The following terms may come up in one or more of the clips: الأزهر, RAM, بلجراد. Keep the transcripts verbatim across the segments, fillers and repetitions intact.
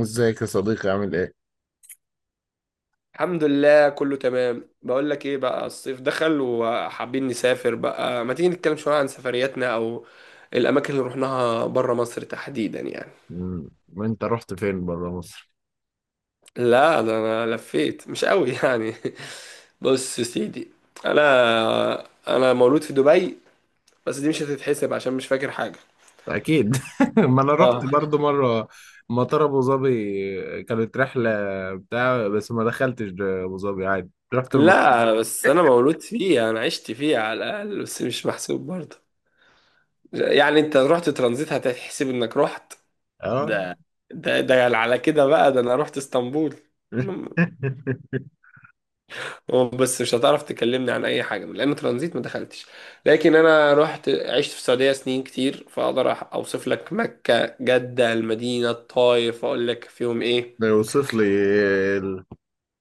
ازيك يا صديقي عامل ايه؟ الحمد لله كله تمام. بقول لك ايه بقى، الصيف دخل وحابين نسافر بقى، ما تيجي نتكلم شوية عن سفرياتنا او الاماكن اللي رحناها بره مصر تحديدا يعني. مم. وانت رحت فين بره مصر؟ لا ده انا لفيت مش قوي يعني. بص يا سيدي، انا انا مولود في دبي، بس دي مش هتتحسب عشان مش فاكر حاجة. اكيد. ما انا رحت اه. برضو مره، مطار ابو ظبي. كانت رحله بتاع، بس ما دخلتش ابو ظبي عادي، رحت المطار. لا بس انا مولود فيه، انا عشت فيه على الاقل، بس مش محسوب برضه. يعني انت رحت ترانزيت هتحسب انك رحت؟ اه. ده ده ده يعني على كده بقى، ده انا رحت اسطنبول. أنا- بس مش هتعرف تكلمني عن اي حاجه لان ترانزيت ما دخلتش. لكن انا رحت عشت في السعوديه سنين كتير، فاقدر أح- اوصف لك مكه، جده، المدينه، الطائف، اقول لك فيهم ايه. ده يوصف لي ال-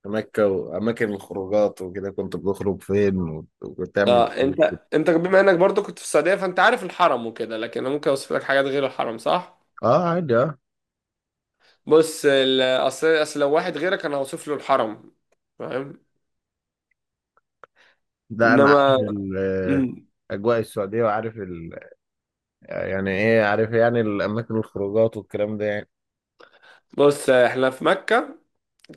مكة وأماكن الخروجات وكده، كنت بتخرج فين وت- وتعمل اه. ايه؟ انت انت بما انك برضو كنت في السعوديه فانت عارف الحرم وكده، لكن انا ممكن اوصف لك حاجات غير الحرم، صح؟ اه عادي اه. بص، ال- اصل اصل لو واحد غيرك انا هوصف له الحرم، فاهم؟ ده أنا انما عارف ال- مم. أجواء السعودية، وعارف ال... يعني إيه، عارف يعني الأماكن، الخروجات والكلام ده يعني. بص احنا في مكه،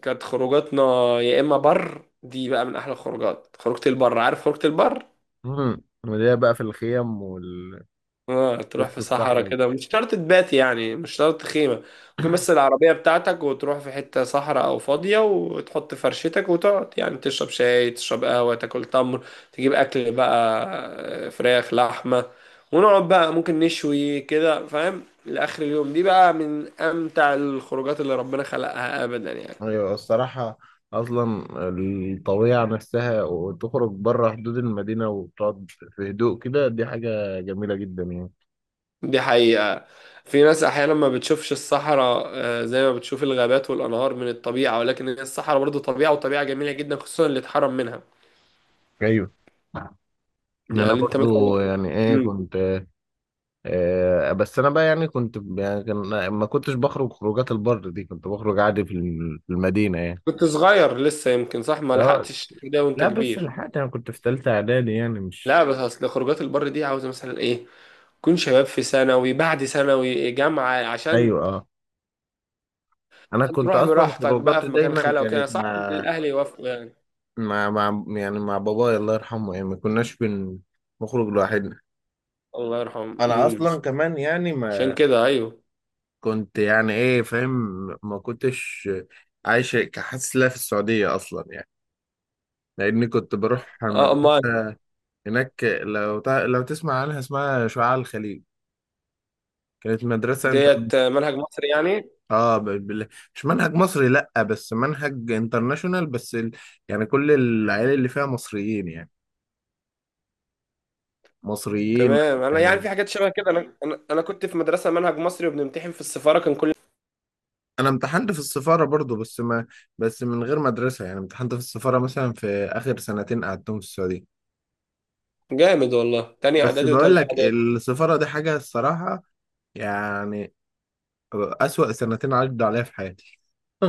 كانت خروجاتنا يا اما بر. دي بقى من احلى الخروجات، خروجة البر، عارف خروجة البر؟ مم. وليه بقى في الخيم ووسط اه تروح في صحراء الصحراء؟ كده، مش شرط تبات يعني مش شرط خيمة، ممكن بس العربية بتاعتك وتروح في حتة صحراء او فاضية وتحط فرشتك وتقعد، يعني تشرب شاي، تشرب قهوة، تاكل تمر، تجيب اكل بقى، آه، فراخ، لحمة، ونقعد بقى ممكن نشوي كده فاهم، لآخر اليوم. دي بقى من امتع الخروجات اللي ربنا خلقها ابدا يعني. ايوه الصراحة، اصلا الطبيعة نفسها، وتخرج بره حدود المدينة وتقعد في هدوء كده، دي حاجة جميلة جدا يعني. دي حقيقة، في ناس أحيانا ما بتشوفش الصحراء، آه، زي ما بتشوف الغابات والأنهار من الطبيعة، ولكن هي الصحراء برضو طبيعة، وطبيعة جميلة جدا، خصوصا اللي اتحرم منها. ايوه. انا يعني أنت برضو مثلا. يعني ايه، مم. كنت آه بس انا بقى، يعني كنت يعني كان- ما كنتش بخرج خروجات البر دي، كنت بخرج عادي في الم- في المدينة يعني. كنت صغير لسه يمكن، صح؟ ما اه. لحقتش ده وأنت لا بس كبير. لحقت، انا كنت في تالتة اعدادي يعني، مش لا بس أصل خروجات البر دي عاوزة مثلا إيه، تكون شباب في ثانوي، بعد ثانوي إيه، جامعة. عشان ايوه اه. انا عشان كنت تروح اصلا براحتك بقى خروجاتي في مكان دايما خالي وكده كانت صعب إن مع، الأهل يوافقوا يعني. مع مع يعني مع بابايا الله يرحمه، يعني ما كناش بن- بنخرج لوحدنا. الله يرحمه. انا مم. اصلا كمان يعني عشان ما كده أيوه. كنت يعني ايه، فاهم؟ ما كنتش عايش كحاسس لا في السعودية اصلا يعني، لاني كنت بروح اه، امال. مدرسة هناك. لو تع... لو تسمع عنها، اسمها شعاع الخليج. كانت مدرسة انت ديت منهج مصري يعني؟ اه ب... ب... مش منهج مصري لا، بس منهج انترناشونال، بس ال... يعني كل العيال اللي فيها مصريين يعني، مصريين. تمام. انا يعني آه، في حاجات شبه كده، انا انا انا كنت في مدرسه منهج مصري وبنمتحن في السفاره، كان كل... انا امتحنت في السفاره برضو، بس ما، بس من غير مدرسه يعني، امتحنت في السفاره مثلا في اخر سنتين قعدتهم في السعوديه. جامد والله، تاني بس اعدادي بقول وتالتة لك اعدادي! السفاره دي حاجه، الصراحه يعني، اسوأ سنتين عدوا عليا في حياتي.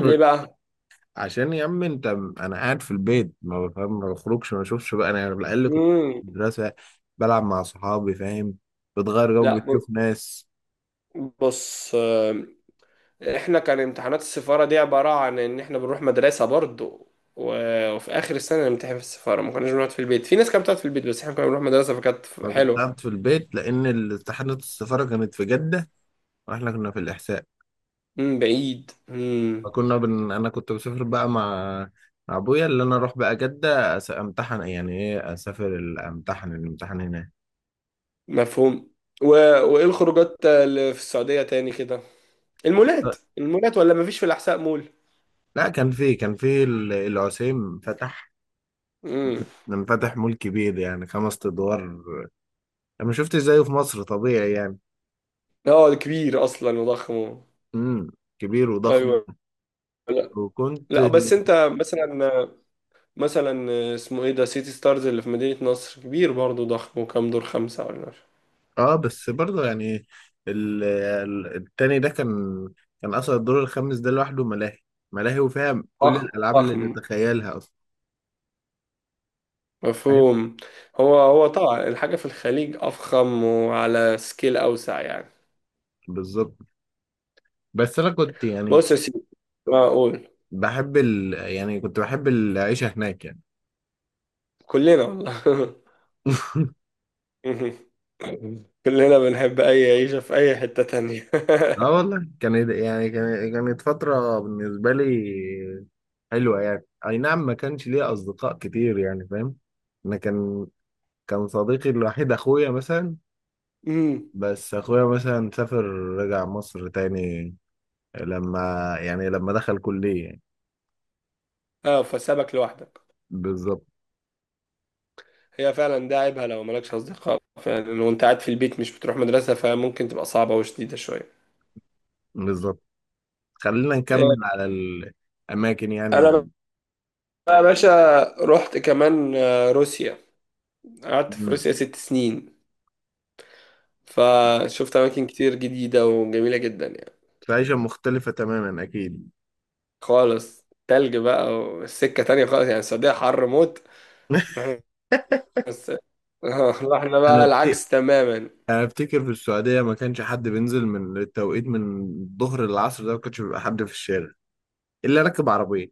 ليه بقى؟ عشان يا عم انت، انا قاعد في البيت، ما بفهم، ما بخرجش، ما بشوفش بقى. انا على الاقل كنت في امم. المدرسه، بلعب مع صحابي، فاهم، بتغير جو، لا ب- بتشوف ناس. بص آم، احنا كان امتحانات السفاره دي عباره عن ان احنا بنروح مدرسه برضو، و- وفي اخر السنه نمتحن في السفاره، ما كناش بنقعد في البيت. في ناس كانت بتقعد في البيت بس احنا كنا بنروح مدرسه فكانت ما كنت حلوه. قاعد في البيت، لان امتحانات السفاره كانت في جده، واحنا كنا في الاحساء. امم، بعيد. امم. فكنا بن... انا كنت بسافر بقى مع، مع ابويا، اللي انا اروح بقى جدة أس... امتحن، يعني ايه، اسافر ال- امتحن الامتحان هناك. مفهوم. و... وايه الخروجات اللي في السعوديه تاني كده؟ المولات؟ المولات ولا مفيش في الاحساء مول؟ لا كان في كان في ال- العسيم فتح، مم. فتح مول كبير يعني خمس ادوار. انا ما شفتش زيه في مصر طبيعي يعني. اه ده كبير اصلا وضخم. امم كبير وضخم. ايوه. لا، وكنت لا بس انت مثلا، مثلا اسمه ايه ده، سيتي ستارز اللي في مدينة نصر، كبير برضه ضخم، وكام دور، خمسة ولا مش... اه بس برضه يعني، ال... ال- التاني ده كان كان اصلا الدور الخامس ده لوحده ملاهي، ملاهي وفيها كل ضخم الالعاب اللي ضخم. تتخيلها اصلا، فاهم. مفهوم. هو هو طبعا الحاجة في الخليج أفخم وعلى سكيل أوسع يعني. بالظبط. بس انا كنت يعني بص يا سيدي، معقول. بحب ال... يعني كنت بحب العيشه هناك يعني. كلنا والله. كلنا بنحب أي عيشة في أي حتة تانية. اه والله كانت يعني كان- كانت فتره بالنسبه لي حلوه يعني. اي نعم ما كانش ليا اصدقاء كتير يعني، فاهم. انا كان كان صديقي الوحيد اخويا مثلا، أمم. بس اخويا مثلا سافر، رجع مصر تاني لما، يعني لما دخل كليه يعني. اه، فسابك لوحدك. بالظبط. هي فعلا ده عيبها، لو مالكش أصدقاء فعلا وأنت قاعد في البيت مش بتروح مدرسة فممكن تبقى صعبة وشديدة شوية. بالظبط. خلينا إيه، نكمل على الاماكن يعني أنا ال... بقى يا باشا رحت كمان آه، روسيا، قعدت في م. روسيا ست سنين، فشفت أماكن كتير جديدة وجميلة جدا يعني. في عيشه مختلفه تماما اكيد. خالص تلج بقى والسكة تانية خالص، يعني السعودية حر موت. رحنا بس رحنا انا بقى بت... العكس تماما. انا افتكر في السعوديه ما كانش حد بينزل، من التوقيت من الظهر للعصر ده ما كانش بيبقى حد في الشارع الا راكب عربيه.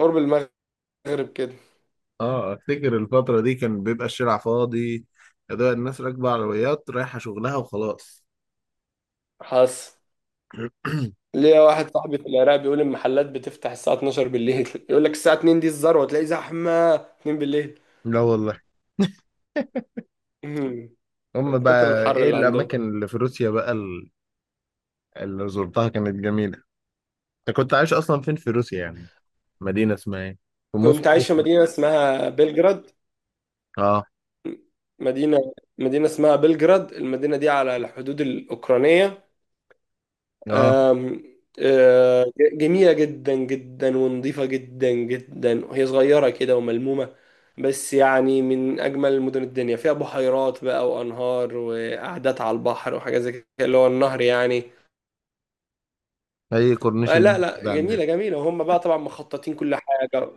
قرب المغرب كده. اه افتكر الفتره دي كان بيبقى الشارع فاضي، يا دوب الناس راكبه عربيات رايحه شغلها وخلاص. حصل ليا واحد صاحبي في العراق بيقول المحلات بتفتح الساعة الثانية عشرة بالليل، يقول لك الساعة اتنين دي الذروة، تلاقي زحمة اتنين بالليل. لا والله. مم. هم كتر بقى الحر ايه اللي عندهم. الاماكن اللي في روسيا بقى ال- اللي زرتها كانت جميله؟ انت كنت عايش اصلا فين في روسيا يعني، مدينه اسمها ايه، في كنت عايش موسكو؟ في مدينة اسمها بلجراد. اه. مدينة مدينة اسمها بلجراد، المدينة دي على الحدود الأوكرانية. اه آم، آه، جميلة جدا جدا ونظيفة جدا جدا، وهي صغيرة كده وملمومة، بس يعني من أجمل مدن الدنيا. فيها بحيرات بقى وأنهار وقعدات على البحر وحاجات زي كده، اللي هو النهر يعني. هي كورنيش آه، لا النيل لا، كده عندنا. جميلة جميلة، وهم بقى طبعا مخططين كل حاجة.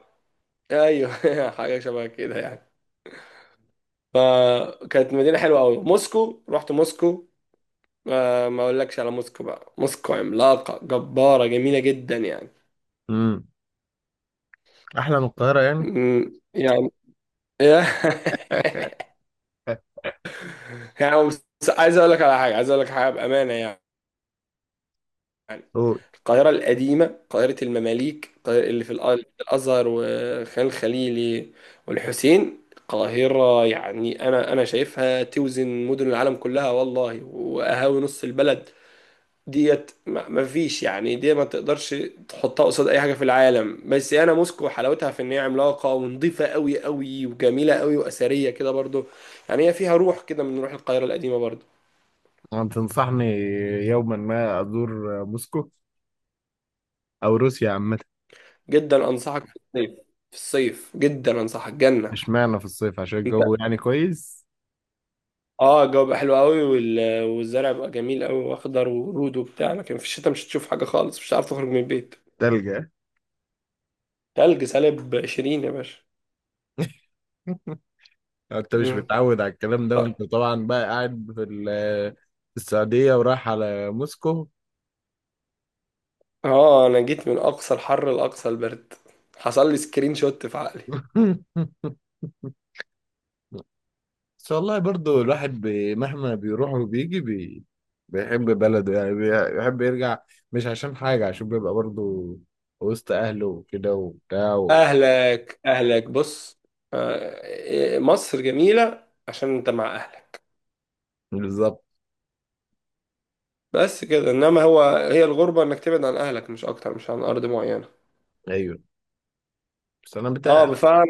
أيوه حاجة شبه كده يعني. فكانت مدينة حلوة أوي. موسكو، رحت موسكو، آه، ما أقولكش على موسكو بقى، موسكو عملاقة جبارة جميلة جدا يعني. امم، احلى من القاهره يعني. مم. يعني يعني هو بس- عايز اقول لك على حاجه، عايز اقول لك حاجه بامانه يعني. قول. القاهره القديمه، القاهره المماليك، القاهرة اللي في الأ- الازهر وخان الخليلي والحسين، القاهره يعني انا انا شايفها توزن مدن العالم كلها والله، واهاوي نص البلد ديت، ما ما فيش يعني، دي ما تقدرش تحطها قصاد اي حاجه في العالم. بس انا موسكو حلاوتها في ان هي عملاقه ونظيفه قوي قوي وجميله قوي واثريه كده برضو، يعني هي فيها روح كده من روح القاهره القديمه برضو. أنت تنصحني يوما ما أزور موسكو أو روسيا عامة؟ جدا انصحك، في الصيف، في الصيف جدا انصحك، جنة. مش معنى في الصيف عشان انت الجو يعني كويس؟ اه الجو بقى حلو قوي، وال... والزرع بقى جميل قوي واخضر، ورود وبتاع، لكن في الشتاء مش هتشوف حاجة خالص، مش هتعرف تخرج من البيت. تلجة. تلج، سالب عشرين يا باشا. أنت مش مم. متعود على الكلام ده، طيب. وأنت طبعا بقى قاعد في ال- في السعودية ورايح على موسكو. اه انا جيت من اقصى الحر لاقصى البرد، حصل لي سكرين شوت في عقلي. بس والله برضو الواحد بي- مهما بيروح وبيجي بي... بيحب بلده يعني، بي- بيحب يرجع، مش عشان حاجة، عشان بيبقى برضو وسط أهله وكده وبتاع و-. اهلك اهلك بص، آه، مصر جميلة عشان انت مع اهلك، بالظبط. بس كده، انما هو هي الغربة انك تبعد عن اهلك، مش اكتر، مش عن ارض معينة. أيوه بس أنا اه بتاع، بفعل.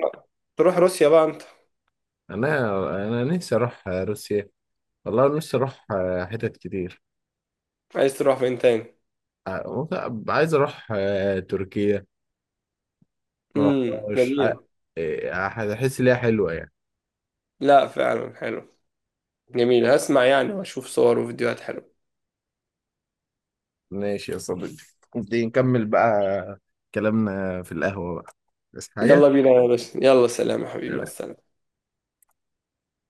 تروح روسيا بقى انت. انا انا نفسي اروح روسيا، والله نفسي اروح آه، حتت كتير. عايز تروح فين تاني؟ آه، ممكن عايز اروح آه، تركيا، ما امم، رحتهاش. جميلة. هحس ليها حلوه يعني. لا فعلا حلو، جميلة. هسمع يعني واشوف صور وفيديوهات حلوة. ماشي يا صديقي، دي نكمل بقى كلامنا في القهوة بقى، بس يلا حاجة. بينا يا باشا، يلا سلام يا حبيبي، مع السلامة.